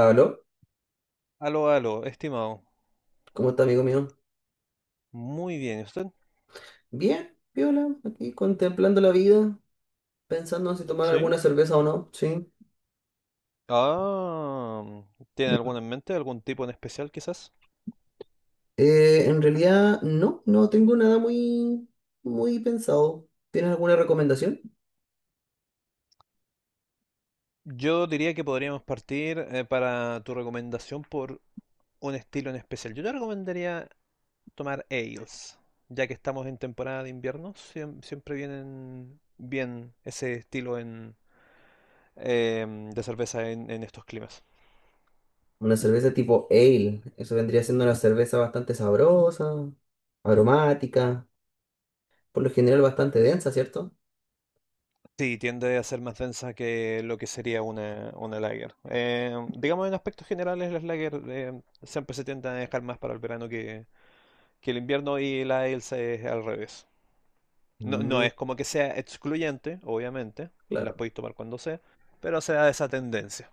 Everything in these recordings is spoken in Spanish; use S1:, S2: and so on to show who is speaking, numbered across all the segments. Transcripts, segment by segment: S1: Aló,
S2: Aló, aló, estimado.
S1: ¿cómo está, amigo mío?
S2: Muy bien, ¿y usted?
S1: Bien, Viola, aquí contemplando la vida, pensando en si tomar
S2: ¿Sí?
S1: alguna cerveza o no, sí.
S2: Ah, ¿tiene
S1: Mm.
S2: alguno en mente? ¿Algún tipo en especial, quizás?
S1: En realidad, no tengo nada muy, muy pensado. ¿Tienes alguna recomendación?
S2: Yo diría que podríamos partir para tu recomendación por un estilo en especial. Yo te recomendaría tomar ales, ya que estamos en temporada de invierno, siempre vienen bien ese estilo de cerveza en estos climas.
S1: Una cerveza tipo ale, eso vendría siendo una cerveza bastante sabrosa, aromática, por lo general bastante densa, ¿cierto?
S2: Sí, tiende a ser más densa que lo que sería una lager. Digamos, en aspectos generales, las lager siempre se tienden a dejar más para el verano que el invierno y la Elsa es al revés. No, no
S1: Mm,
S2: es como que sea excluyente, obviamente, las
S1: claro,
S2: podéis tomar cuando sea, pero se da esa tendencia.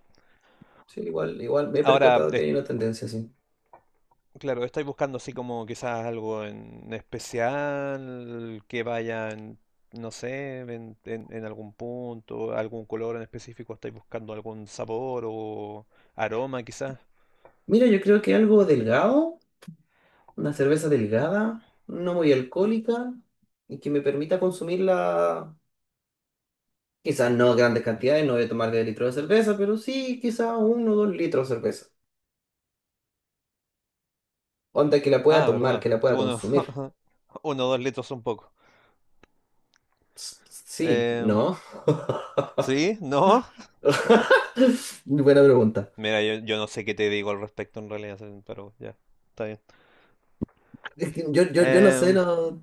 S1: sí, igual, igual me he
S2: Ahora,
S1: percatado que hay una tendencia así.
S2: claro, estáis buscando así como quizás algo en especial que vaya no sé, en algún punto, algún color en específico, estáis buscando algún sabor o aroma quizás.
S1: Mira, yo creo que algo delgado. Una cerveza delgada, no muy alcohólica y que me permita consumirla, quizás no grandes cantidades, no voy a tomar de litros de cerveza, pero sí quizás uno o dos litros de cerveza. Onda que la pueda
S2: Ah,
S1: tomar,
S2: verdad.
S1: que la pueda
S2: Uno,
S1: consumir.
S2: uno o dos litros son poco.
S1: Sí,
S2: Em,
S1: ¿no?
S2: ¿Sí? ¿No?
S1: Buena pregunta.
S2: Mira, yo no sé qué te digo al respecto en realidad, pero ya, está bien.
S1: Es que yo no sé,
S2: Em,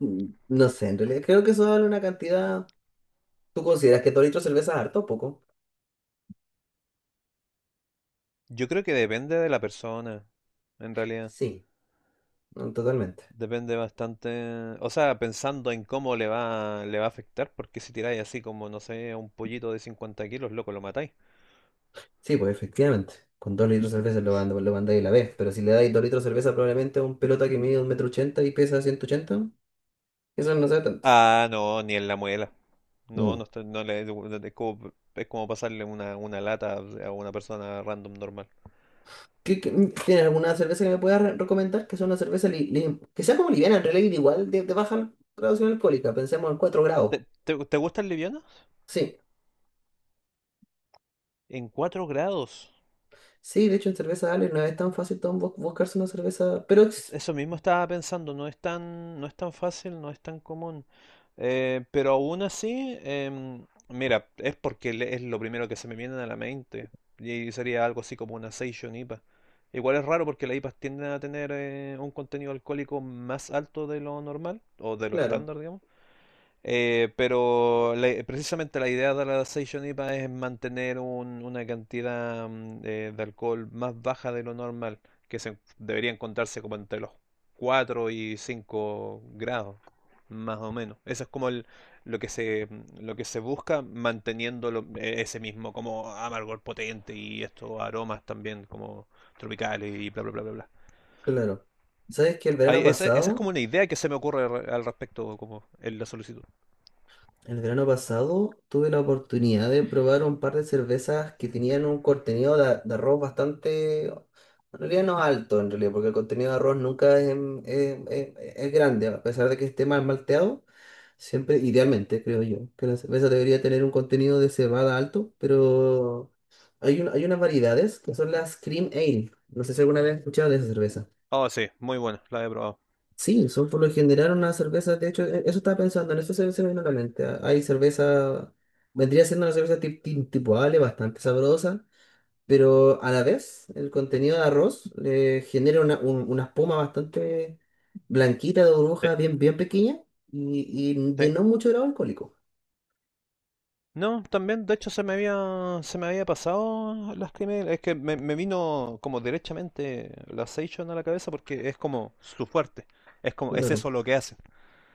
S1: no sé, en realidad creo que eso vale una cantidad. ¿Tú consideras que dos litros de cerveza es harto o poco?
S2: yo creo que depende de la persona, en realidad.
S1: Sí, no, totalmente.
S2: Depende bastante, o sea, pensando en cómo le va a afectar, porque si tiráis así como, no sé, a un pollito de 50 kilos, loco, lo matáis.
S1: Sí, pues efectivamente. Con dos litros de cerveza lo, lo mandáis a la vez. Pero si le dais dos litros de cerveza probablemente a un pelota que mide un metro ochenta y pesa 180 eso no sea tanto.
S2: Ah, no, ni en la muela. No,
S1: Mm.
S2: no, no, es como pasarle una lata a una persona random normal.
S1: ¿ Tiene alguna cerveza que me puedas recomendar? Que sea una cerveza que sea como liviana, en realidad igual de baja graduación alcohólica. Pensemos en cuatro grados.
S2: ¿Te, te gustan livianas?
S1: Sí,
S2: En 4 grados.
S1: sí, de hecho en cerveza Ale no es tan fácil tan buscarse una cerveza. Pero es-
S2: Eso mismo estaba pensando, no es no es tan fácil, no es tan común. Pero aún así, mira, es porque es lo primero que se me viene a la mente. Y sería algo así como una Session IPA. Igual es raro porque las IPAs tienden a tener un contenido alcohólico más alto de lo normal, o de lo
S1: claro,
S2: estándar, digamos. Pero precisamente la idea de la Session IPA es mantener una cantidad de alcohol más baja de lo normal, debería encontrarse como entre los 4 y 5 grados, más o menos. Eso es como lo lo que se busca manteniendo ese mismo como amargor potente y estos aromas también como tropicales y bla bla bla bla bla.
S1: claro. ¿Sabes que el verano
S2: Esa es
S1: pasado
S2: como una idea que se me ocurre al respecto como en la solicitud.
S1: Tuve la oportunidad de probar un par de cervezas que tenían un contenido de arroz bastante, en realidad no alto en realidad, porque el contenido de arroz nunca es, es grande, a pesar de que esté mal malteado, siempre, idealmente creo yo, que la cerveza debería tener un contenido de cebada alto, pero hay, hay unas variedades que son las Cream Ale, no sé si alguna vez has escuchado de esa cerveza.
S2: Oh, sí, muy buena, la he probado.
S1: Sí, son por lo general unas cervezas, de hecho, eso estaba pensando, en eso se, se me vino a la mente. Ah, hay cerveza, vendría siendo una cerveza tipo Ale, bastante sabrosa, pero a la vez el contenido de arroz le genera una, una espuma bastante blanquita de
S2: Sí,
S1: burbuja, bien, bien pequeña y de
S2: sí.
S1: no mucho grado alcohólico.
S2: No, también, de hecho, se me había pasado las primeras. Es que me vino como derechamente la Seishon a la cabeza porque es como su fuerte. Es como, es
S1: Claro,
S2: eso lo que hace.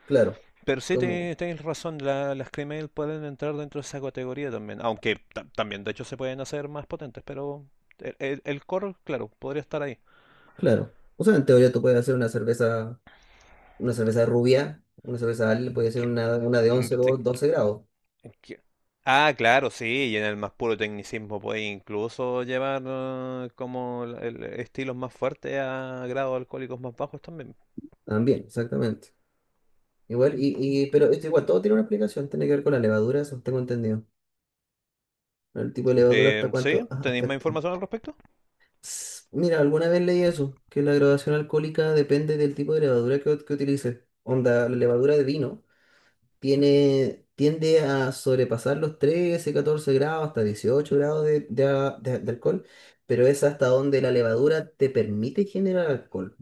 S1: claro,
S2: Pero sí,
S1: como,
S2: tienes razón, las Cremail pueden entrar dentro de esa categoría también. Aunque también, de hecho, se pueden hacer más potentes, pero el core, claro, podría estar ahí.
S1: claro. O sea, en teoría tú puedes hacer una cerveza rubia, una cerveza Ale, puede ser
S2: que-
S1: una de
S2: mm,
S1: 11 o 12 grados,
S2: que- Ah, claro, sí, y en el más puro tecnicismo puede incluso llevar como estilos más fuertes a grados alcohólicos más bajos también.
S1: también, exactamente. Igual, y, pero esto igual todo tiene una explicación, tiene que ver con la levadura, eso tengo entendido. El tipo de levadura hasta cuánto,
S2: ¿Sí?
S1: ah,
S2: ¿Tenéis
S1: hasta
S2: más
S1: que-
S2: información al respecto?
S1: Ss, mira, alguna vez leí eso, que la graduación alcohólica depende del tipo de levadura que utilices. Onda, la levadura de vino tiene, tiende a sobrepasar los 13 14 grados, hasta 18 grados de, de alcohol, pero es hasta donde la levadura te permite generar alcohol.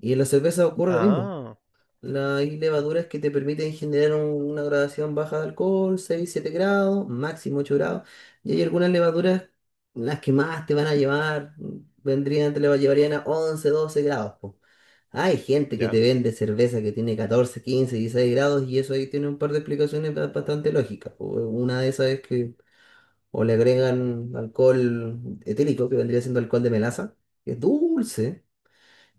S1: Y en la cerveza ocurre lo mismo.
S2: Ah,
S1: Hay levaduras que te permiten generar una gradación baja de alcohol, 6 7 grados, máximo 8 grados. Y hay algunas levaduras, las que más te van a llevar, vendrían, te le llevarían a 11, 12 grados. Po. Hay gente que te
S2: ya,
S1: vende cerveza que tiene 14, 15, 16 grados y eso ahí tiene un par de explicaciones bastante lógicas. Po. Una de esas es que o le agregan alcohol etílico, que vendría siendo alcohol de melaza, que es dulce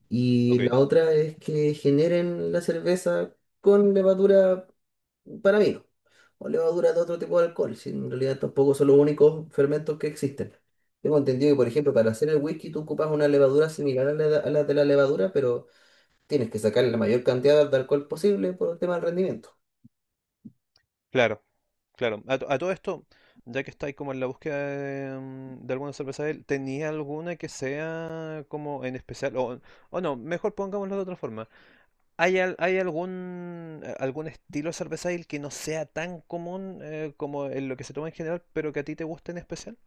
S1: y
S2: ok.
S1: la otra es que generen la cerveza con levadura para vino o levadura de otro tipo de alcohol, si en realidad tampoco son los únicos fermentos que existen. Tengo entendido que, por ejemplo, para hacer el whisky tú ocupas una levadura similar a la de la levadura, pero tienes que sacarle la mayor cantidad de alcohol posible por el tema del rendimiento.
S2: Claro, claro. A todo esto, ya que estáis como en la búsqueda de, de alguna cerveza, ¿tenía alguna que sea como en especial? O no, mejor pongámoslo de otra forma. ¿Hay, hay algún, algún estilo cervecil que no sea tan común como en lo que se toma en general, pero que a ti te guste en especial?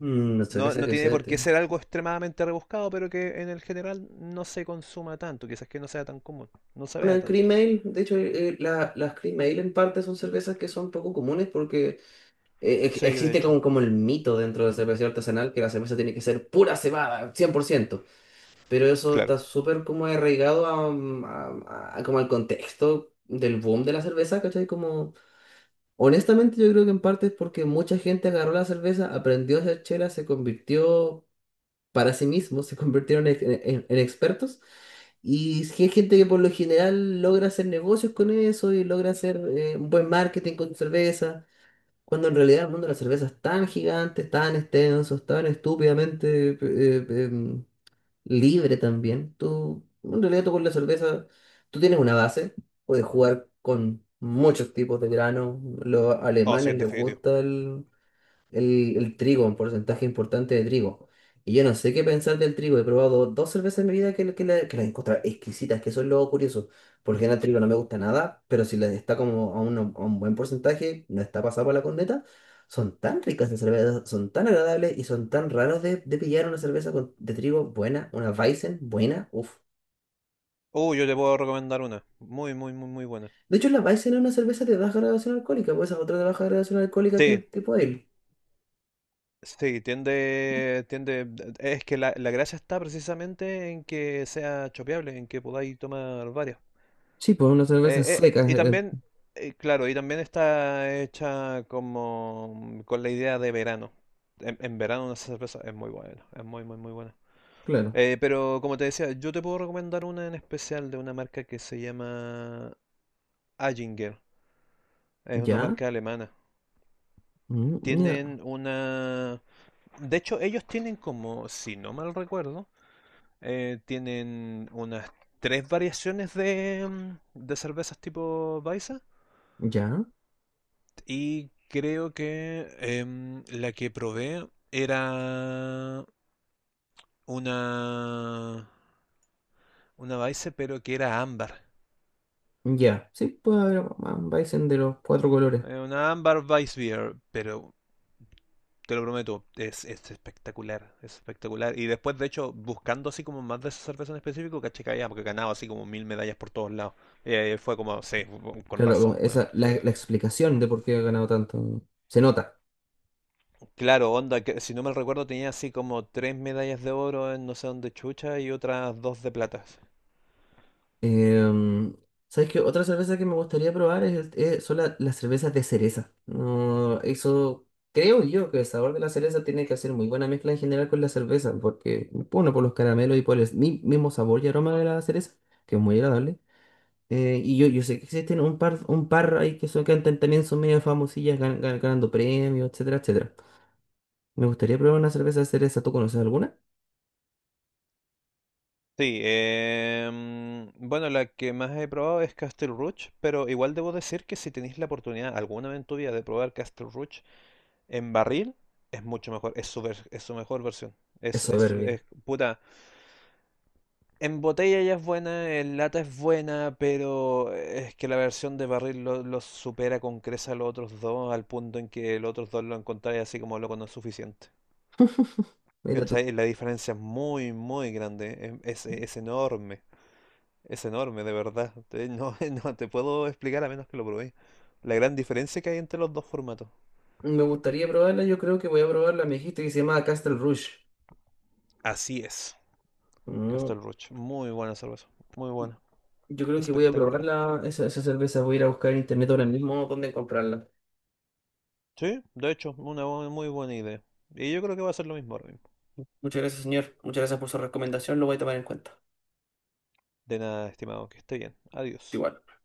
S1: Mm, la
S2: No,
S1: cerveza
S2: no
S1: que
S2: tiene
S1: sea,
S2: por qué
S1: tío.
S2: ser algo extremadamente rebuscado, pero que en el general no se consuma tanto, quizás que no sea tan común, no se vea
S1: Una
S2: tanto.
S1: cream ale, de hecho, las cream ale en parte son cervezas que son poco comunes porque
S2: Sí, de
S1: existe
S2: hecho,
S1: como, como el mito dentro del cervecero artesanal que la cerveza tiene que ser pura cebada, cien por ciento, pero eso
S2: claro.
S1: está súper como arraigado a, mm, a como al contexto del boom de la cerveza, ¿cachai? Como, honestamente yo creo que en parte es porque mucha gente agarró la cerveza, aprendió a hacer chela, se convirtió para sí mismo, se convirtieron en, en expertos y sí hay gente que por lo general logra hacer negocios con eso y logra hacer un buen marketing con cerveza cuando en realidad el mundo de la cerveza es tan gigante, tan extenso, es tan estúpidamente libre también. Tú, en realidad tú con la cerveza, tú tienes una base, puedes jugar con muchos tipos de granos. Los
S2: Oh, sí,
S1: alemanes
S2: en
S1: les
S2: definitivo.
S1: gusta el trigo, un porcentaje importante de trigo. Y yo no sé qué pensar del trigo. He probado dos cervezas en mi vida que, que las encuentro exquisitas, que eso es lo curioso. Porque el trigo no me gusta nada, pero si les está como a un buen porcentaje, no está pasado por la corneta. Son tan ricas las cervezas, son tan agradables y son tan raros de pillar una cerveza de trigo buena, una Weizen buena, uff.
S2: Yo te puedo recomendar una, muy, muy, muy, muy buena.
S1: De hecho, la Weizen es una cerveza de baja graduación alcohólica, pues esa es otra de baja graduación alcohólica
S2: Sí,
S1: tipo, tipo ale.
S2: sí, tiende, es que la gracia está precisamente en que sea chopeable, en que podáis tomar varias.
S1: Sí, pues una cerveza seca,
S2: Y también, claro, y también está hecha como con la idea de verano. En verano una cerveza es muy buena, es muy, muy, muy buena.
S1: claro.
S2: Pero como te decía, yo te puedo recomendar una en especial de una marca que se llama Aginger. Es una
S1: ¿Ya?
S2: marca alemana.
S1: Mm, ya,
S2: Tienen una... De hecho, ellos tienen como, si no mal recuerdo, tienen unas tres variaciones de, de cervezas tipo Baiza.
S1: ya,
S2: Y creo que la que probé era una, una Baiza, pero que era ámbar.
S1: ya. Sí, puede haber un Bison de los cuatro colores.
S2: Una ámbar Weiss beer pero te lo prometo, es espectacular. Es espectacular. Y después, de hecho, buscando así como más de esa cerveza en específico, caché que había porque ganaba así como 1000 medallas por todos lados. Y ahí fue como, sí, con
S1: Claro, como
S2: razón, weón.
S1: esa, la explicación de por qué ha ganado tanto se nota.
S2: Claro, onda, que si no me recuerdo tenía así como tres medallas de oro en no sé dónde chucha y otras dos de platas.
S1: Em, ¿sabes qué? Otra cerveza que me gustaría probar es, son las cervezas de cereza. No, eso creo yo que el sabor de la cereza tiene que hacer muy buena mezcla en general con la cerveza, porque, bueno, por los caramelos y por el mismo sabor y aroma de la cereza, que es muy agradable. Y yo, yo sé que existen un par ahí que son, que cantan también, son medio famosillas ganando premios, etcétera, etcétera. Me gustaría probar una cerveza cereza. ¿Tú conoces alguna?
S2: Sí, bueno, la que más he probado es Castle Rouge, pero igual debo decir que si tenéis la oportunidad alguna vez en tu vida de probar Castle Rouge en barril, es mucho mejor, es su mejor versión.
S1: Es soberbia.
S2: Puta, en botella ya es buena, en lata es buena, pero es que la versión de barril los supera con creces a los otros dos, al punto en que los otros dos lo encontráis así como loco no es suficiente.
S1: Mira tú.
S2: ¿Cachai? La diferencia es muy, muy grande, es enorme, de verdad. No, no te puedo explicar a menos que lo probéis. La gran diferencia que hay entre los dos formatos.
S1: Me gustaría probarla, yo creo que voy a probarla. Me dijiste que se llama Castle Rouge.
S2: Así es.
S1: Mm,
S2: Castel Roche, muy buena cerveza, muy buena,
S1: yo creo que voy a
S2: espectacular.
S1: probarla, esa cerveza. Voy a ir a buscar en internet ahora mismo dónde comprarla.
S2: Sí, de hecho, una muy buena idea. Y yo creo que va a ser lo mismo ahora mismo.
S1: Muchas gracias, señor. Muchas gracias por su recomendación. Lo voy a tomar en cuenta.
S2: De nada, estimado, que esté bien. Adiós.
S1: Igual.